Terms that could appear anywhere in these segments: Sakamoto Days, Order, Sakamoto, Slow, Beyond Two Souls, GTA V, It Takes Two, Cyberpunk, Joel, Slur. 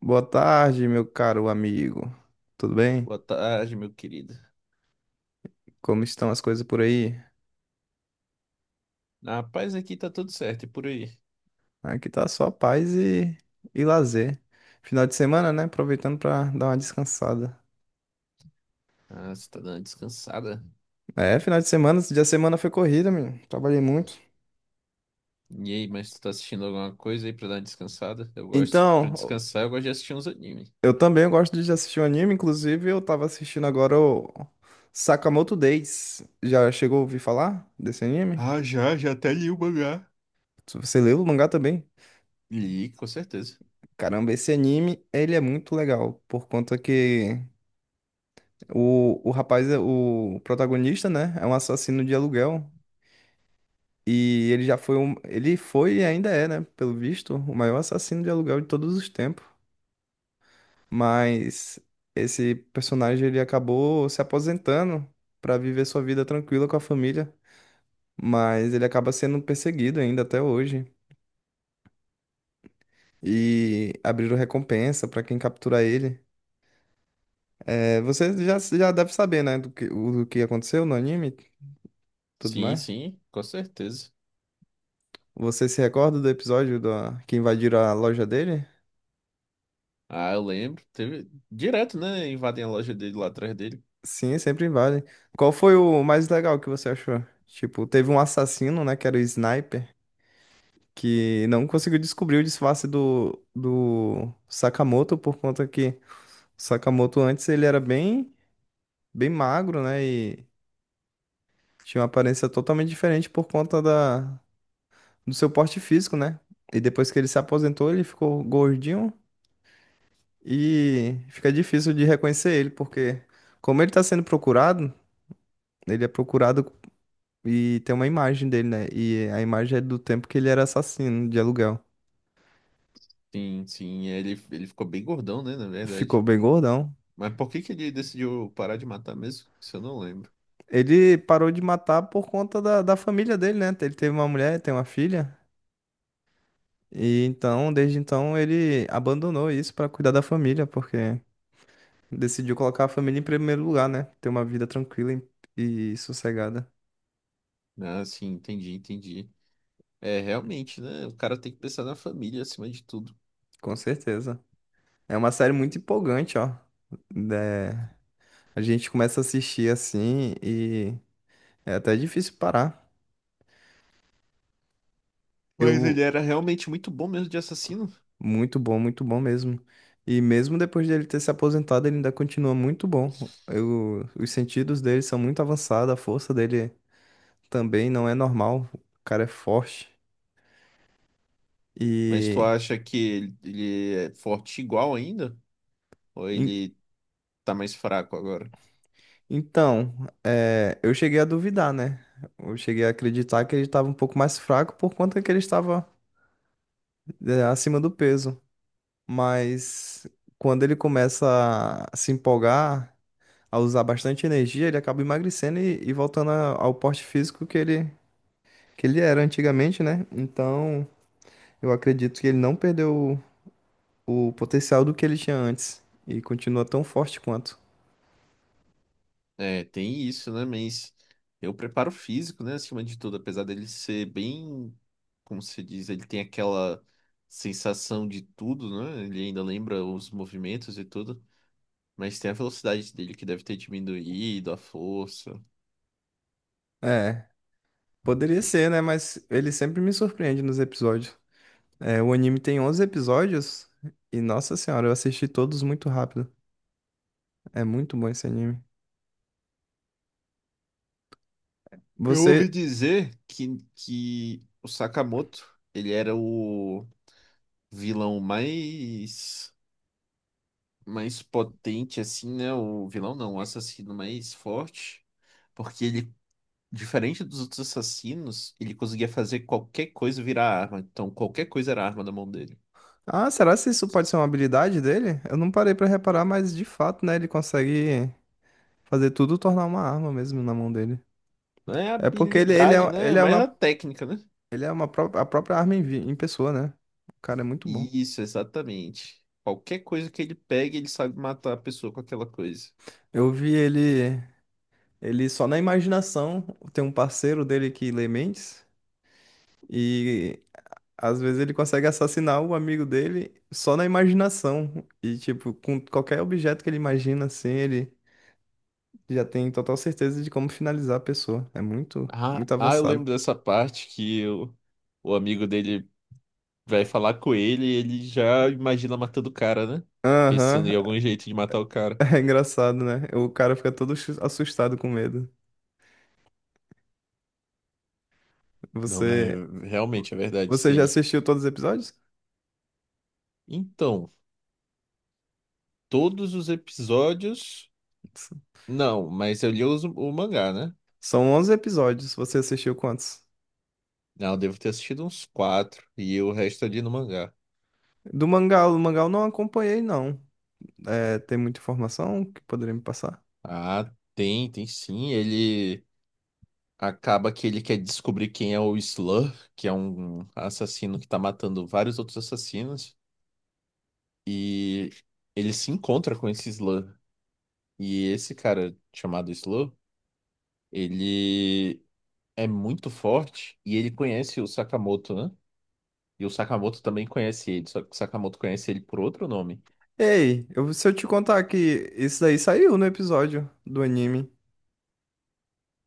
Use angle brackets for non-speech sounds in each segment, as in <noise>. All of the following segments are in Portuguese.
Boa tarde, meu caro amigo. Tudo bem? Boa tarde, meu querido. Como estão as coisas por aí? Na paz aqui tá tudo certo, e por aí? Aqui tá só paz e lazer. Final de semana, né? Aproveitando pra dar uma descansada. Ah, você tá dando uma descansada? É, final de semana, esse dia de semana foi corrida, menino. Trabalhei muito. E aí, mas tu tá assistindo alguma coisa aí pra dar uma descansada? Eu gosto, pra Então, descansar, eu gosto de assistir uns animes. eu também gosto de assistir um anime, inclusive eu tava assistindo agora o Sakamoto Days. Já chegou a ouvir falar desse anime? Você leu o mangá também? Li, com certeza. Caramba, esse anime, ele é muito legal, por conta que o rapaz, o protagonista, né, é um assassino de aluguel. E ele já foi um. Ele foi e ainda é, né, pelo visto, o maior assassino de aluguel de todos os tempos. Mas esse personagem ele acabou se aposentando para viver sua vida tranquila com a família. Mas ele acaba sendo perseguido ainda até hoje. E abriram recompensa para quem capturar ele. É, você já deve saber, né, do que aconteceu no anime, tudo Sim, mais. sim, com certeza. Você se recorda do episódio da que invadiram a loja dele? Ah, eu lembro, teve... Direto, né, invadem a loja dele lá atrás dele. Sim, sempre invadem. Qual foi o mais legal que você achou? Tipo, teve um assassino, né, que era o Sniper, que não conseguiu descobrir o disfarce do Sakamoto por conta que o Sakamoto antes ele era bem, bem magro, né, e tinha uma aparência totalmente diferente por conta da do seu porte físico, né? E depois que ele se aposentou, ele ficou gordinho. E fica difícil de reconhecer ele, porque como ele está sendo procurado, ele é procurado e tem uma imagem dele, né? E a imagem é do tempo que ele era assassino de aluguel. Sim, sim, ele ficou bem gordão, né, na verdade. Ficou bem gordão. Mas por que que ele decidiu parar de matar mesmo? Isso eu não lembro. Ele parou de matar por conta da família dele, né? Ele teve uma mulher, tem uma filha. E então, desde então, ele abandonou isso para cuidar da família, porque decidiu colocar a família em primeiro lugar, né? Ter uma vida tranquila e sossegada. Ah, sim, entendi, entendi. É, realmente, né? O cara tem que pensar na família acima de tudo. Com certeza. É uma série muito empolgante, ó. Né? A gente começa a assistir assim e é até difícil parar. Mas ele Eu, era realmente muito bom mesmo de assassino. Muito bom mesmo. E mesmo depois dele ter se aposentado, ele ainda continua muito bom. Eu, os sentidos dele são muito avançados, a força dele também não é normal. O cara é forte. Mas tu E acha que ele é forte igual ainda? Ou en- ele tá mais fraco agora? então, é, eu cheguei a duvidar, né? Eu cheguei a acreditar que ele estava um pouco mais fraco por conta que ele estava é, acima do peso. Mas quando ele começa a se empolgar, a usar bastante energia, ele acaba emagrecendo e voltando ao porte físico que que ele era antigamente, né? Então, eu acredito que ele não perdeu o potencial do que ele tinha antes e continua tão forte quanto. É, tem isso, né? Mas eu preparo físico, né? Acima de tudo, apesar dele ser bem, como se diz, ele tem aquela sensação de tudo, né? Ele ainda lembra os movimentos e tudo. Mas tem a velocidade dele que deve ter diminuído, a força. É, poderia ser, né? Mas ele sempre me surpreende nos episódios. É, o anime tem 11 episódios e, nossa senhora, eu assisti todos muito rápido. É muito bom esse anime. Eu ouvi Você, dizer que o Sakamoto, ele era o vilão mais potente assim, né? O vilão não, o assassino mais forte, porque ele diferente dos outros assassinos, ele conseguia fazer qualquer coisa virar arma. Então qualquer coisa era arma na mão dele. ah, será que isso pode ser uma habilidade dele? Eu não parei pra reparar, mas de fato, né, ele consegue fazer tudo tornar uma arma mesmo na mão dele. Não é a É porque habilidade, né? É mais a técnica, né? ele é uma a própria arma em, em pessoa, né? O cara é muito bom. Isso, exatamente. Qualquer coisa que ele pegue, ele sabe matar a pessoa com aquela coisa. Eu vi ele, ele só na imaginação, tem um parceiro dele que lê mentes, e às vezes ele consegue assassinar o amigo dele só na imaginação. E tipo, com qualquer objeto que ele imagina, assim, ele já tem total certeza de como finalizar a pessoa. É muito, Ah, muito ah, eu lembro avançado. dessa parte que o amigo dele vai falar com ele e ele já imagina matando o cara, né? Pensando Aham. em algum jeito de matar o <laughs> cara. É engraçado, né? O cara fica todo assustado com medo. Não, mas Você, realmente é verdade isso você já aí. assistiu todos os episódios? Então, todos os episódios. S- Não, mas eu li o mangá, né? São 11 episódios. Você assistiu quantos? Não, eu devo ter assistido uns quatro e o resto ali no mangá. Do mangá, o mangá eu não acompanhei, não. É, tem muita informação que poderia me passar? Ah, tem, tem sim. Ele acaba que ele quer descobrir quem é o Slur, que é um assassino que tá matando vários outros assassinos. E ele se encontra com esse Slur. E esse cara chamado Slow, ele é muito forte e ele conhece o Sakamoto, né? E o Sakamoto também conhece ele, só que o Sakamoto conhece ele por outro nome. Ei, eu, se eu te contar que isso daí saiu no episódio do anime,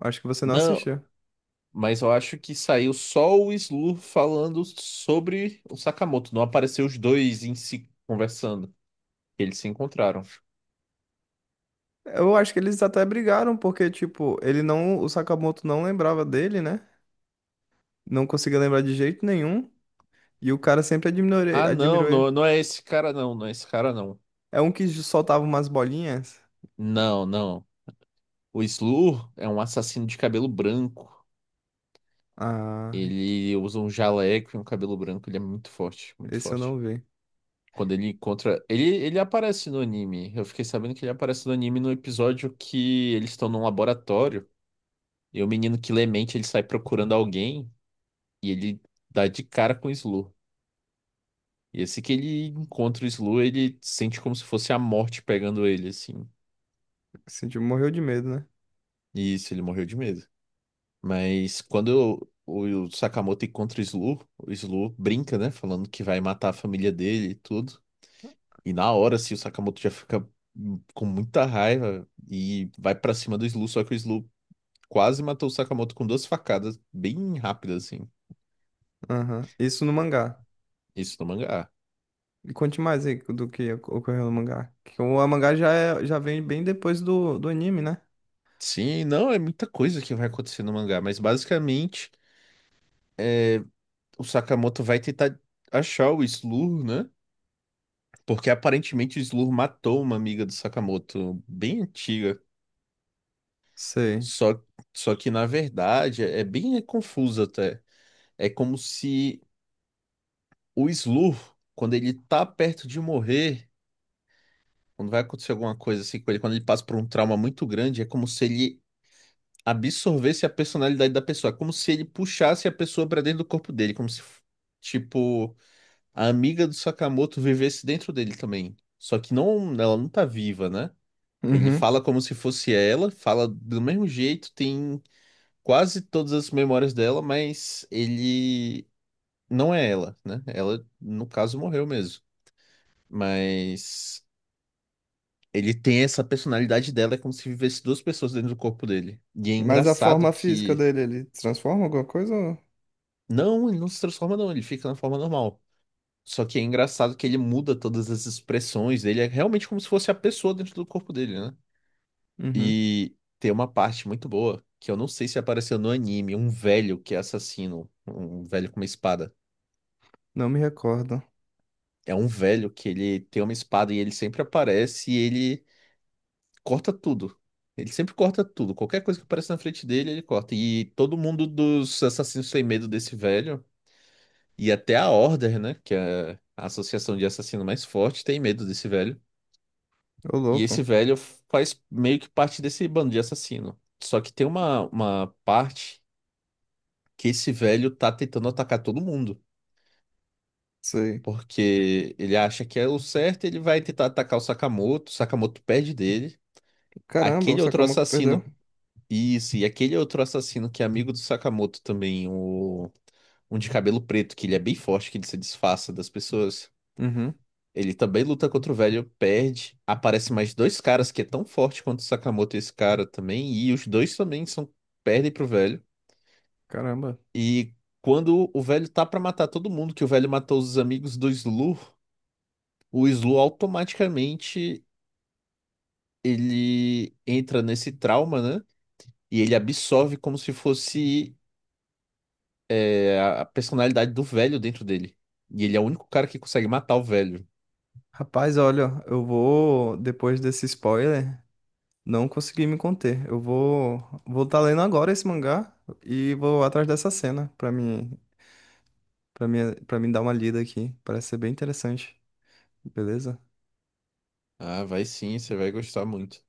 acho que você não Não, assistiu. mas eu acho que saiu só o Slow falando sobre o Sakamoto, não apareceu os dois em si conversando. Eles se encontraram. Eu acho que eles até brigaram, porque, tipo, ele não. O Sakamoto não lembrava dele, né? Não conseguia lembrar de jeito nenhum. E o cara sempre admirou, Ah, não, admirou ele. não, não é esse cara não, não é esse cara não. É um que soltava umas bolinhas. Não, não. O Slur é um assassino de cabelo branco. Ah, Ele usa um jaleco e um cabelo branco. Ele é muito forte, muito esse eu forte. não vi. Quando ele encontra. Ele aparece no anime. Eu fiquei sabendo que ele aparece no anime no episódio que eles estão num laboratório. E o menino que lê mente, ele sai procurando alguém. E ele dá de cara com o Slu. E assim que ele encontra o Slu, ele sente como se fosse a morte pegando ele, assim. Assim, tipo, morreu de medo, né? E isso, ele morreu de medo. Mas quando o Sakamoto encontra o Slu brinca, né? Falando que vai matar a família dele e tudo. E na hora, assim, o Sakamoto já fica com muita raiva e vai pra cima do Slu, só que o Slu quase matou o Sakamoto com duas facadas bem rápidas, assim. Aham. Isso no mangá. Isso no mangá. E conte mais aí do que ocorreu no mangá. Que o mangá já, já vem bem depois do anime, né? Sim, não, é muita coisa que vai acontecer no mangá, mas basicamente o Sakamoto vai tentar achar o Slur, né? Porque aparentemente o Slur matou uma amiga do Sakamoto, bem antiga. Sei. Só, só que na verdade é bem confuso até. É como se o Slur, quando ele tá perto de morrer. Quando vai acontecer alguma coisa assim com ele, quando ele passa por um trauma muito grande, é como se ele absorvesse a personalidade da pessoa. É como se ele puxasse a pessoa pra dentro do corpo dele. Como se, tipo, a amiga do Sakamoto vivesse dentro dele também. Só que não, ela não tá viva, né? Ele Uhum. fala como se fosse ela, fala do mesmo jeito, tem quase todas as memórias dela, mas ele não é ela, né? Ela, no caso, morreu mesmo. Mas. Ele tem essa personalidade dela, é como se vivesse duas pessoas dentro do corpo dele. E é Mas a engraçado forma física que. dele, ele transforma alguma coisa? Ou... Não, ele não se transforma, não, ele fica na forma normal. Só que é engraçado que ele muda todas as expressões dele, é realmente como se fosse a pessoa dentro do corpo dele, né? Uhum. E tem uma parte muito boa, que eu não sei se apareceu no anime, um velho que é assassino, um velho com uma espada. Não me recordo. É um velho que ele tem uma espada e ele sempre aparece e ele corta tudo. Ele sempre corta tudo. Qualquer coisa que aparece na frente dele, ele corta. E todo mundo dos assassinos tem medo desse velho. E até a Order, né? Que é a associação de assassino mais forte, tem medo desse velho. Ô, E louco. esse velho faz meio que parte desse bando de assassino. Só que tem uma parte que esse velho tá tentando atacar todo mundo. Sei. Porque ele acha que é o certo, ele vai tentar atacar o Sakamoto. O Sakamoto perde dele. Caramba, o Aquele outro Sakamoto perdeu. assassino. Isso, e aquele outro assassino que é amigo do Sakamoto também, o... um de cabelo preto, que ele é bem forte, que ele se disfarça das pessoas. Uhum, Ele também luta contra o velho, perde. Aparece mais dois caras que é tão forte quanto o Sakamoto e esse cara também, e os dois também são perdem pro velho. caramba. E quando o velho tá pra matar todo mundo, que o velho matou os amigos do Slu, o Slu automaticamente ele entra nesse trauma, né? E ele absorve como se fosse a personalidade do velho dentro dele. E ele é o único cara que consegue matar o velho. Rapaz, olha, eu vou, depois desse spoiler, não consegui me conter. Eu vou, vou estar lendo agora esse mangá e vou atrás dessa cena pra mim, para mim dar uma lida aqui. Parece ser bem interessante. Beleza? Ah, vai sim, você vai gostar muito.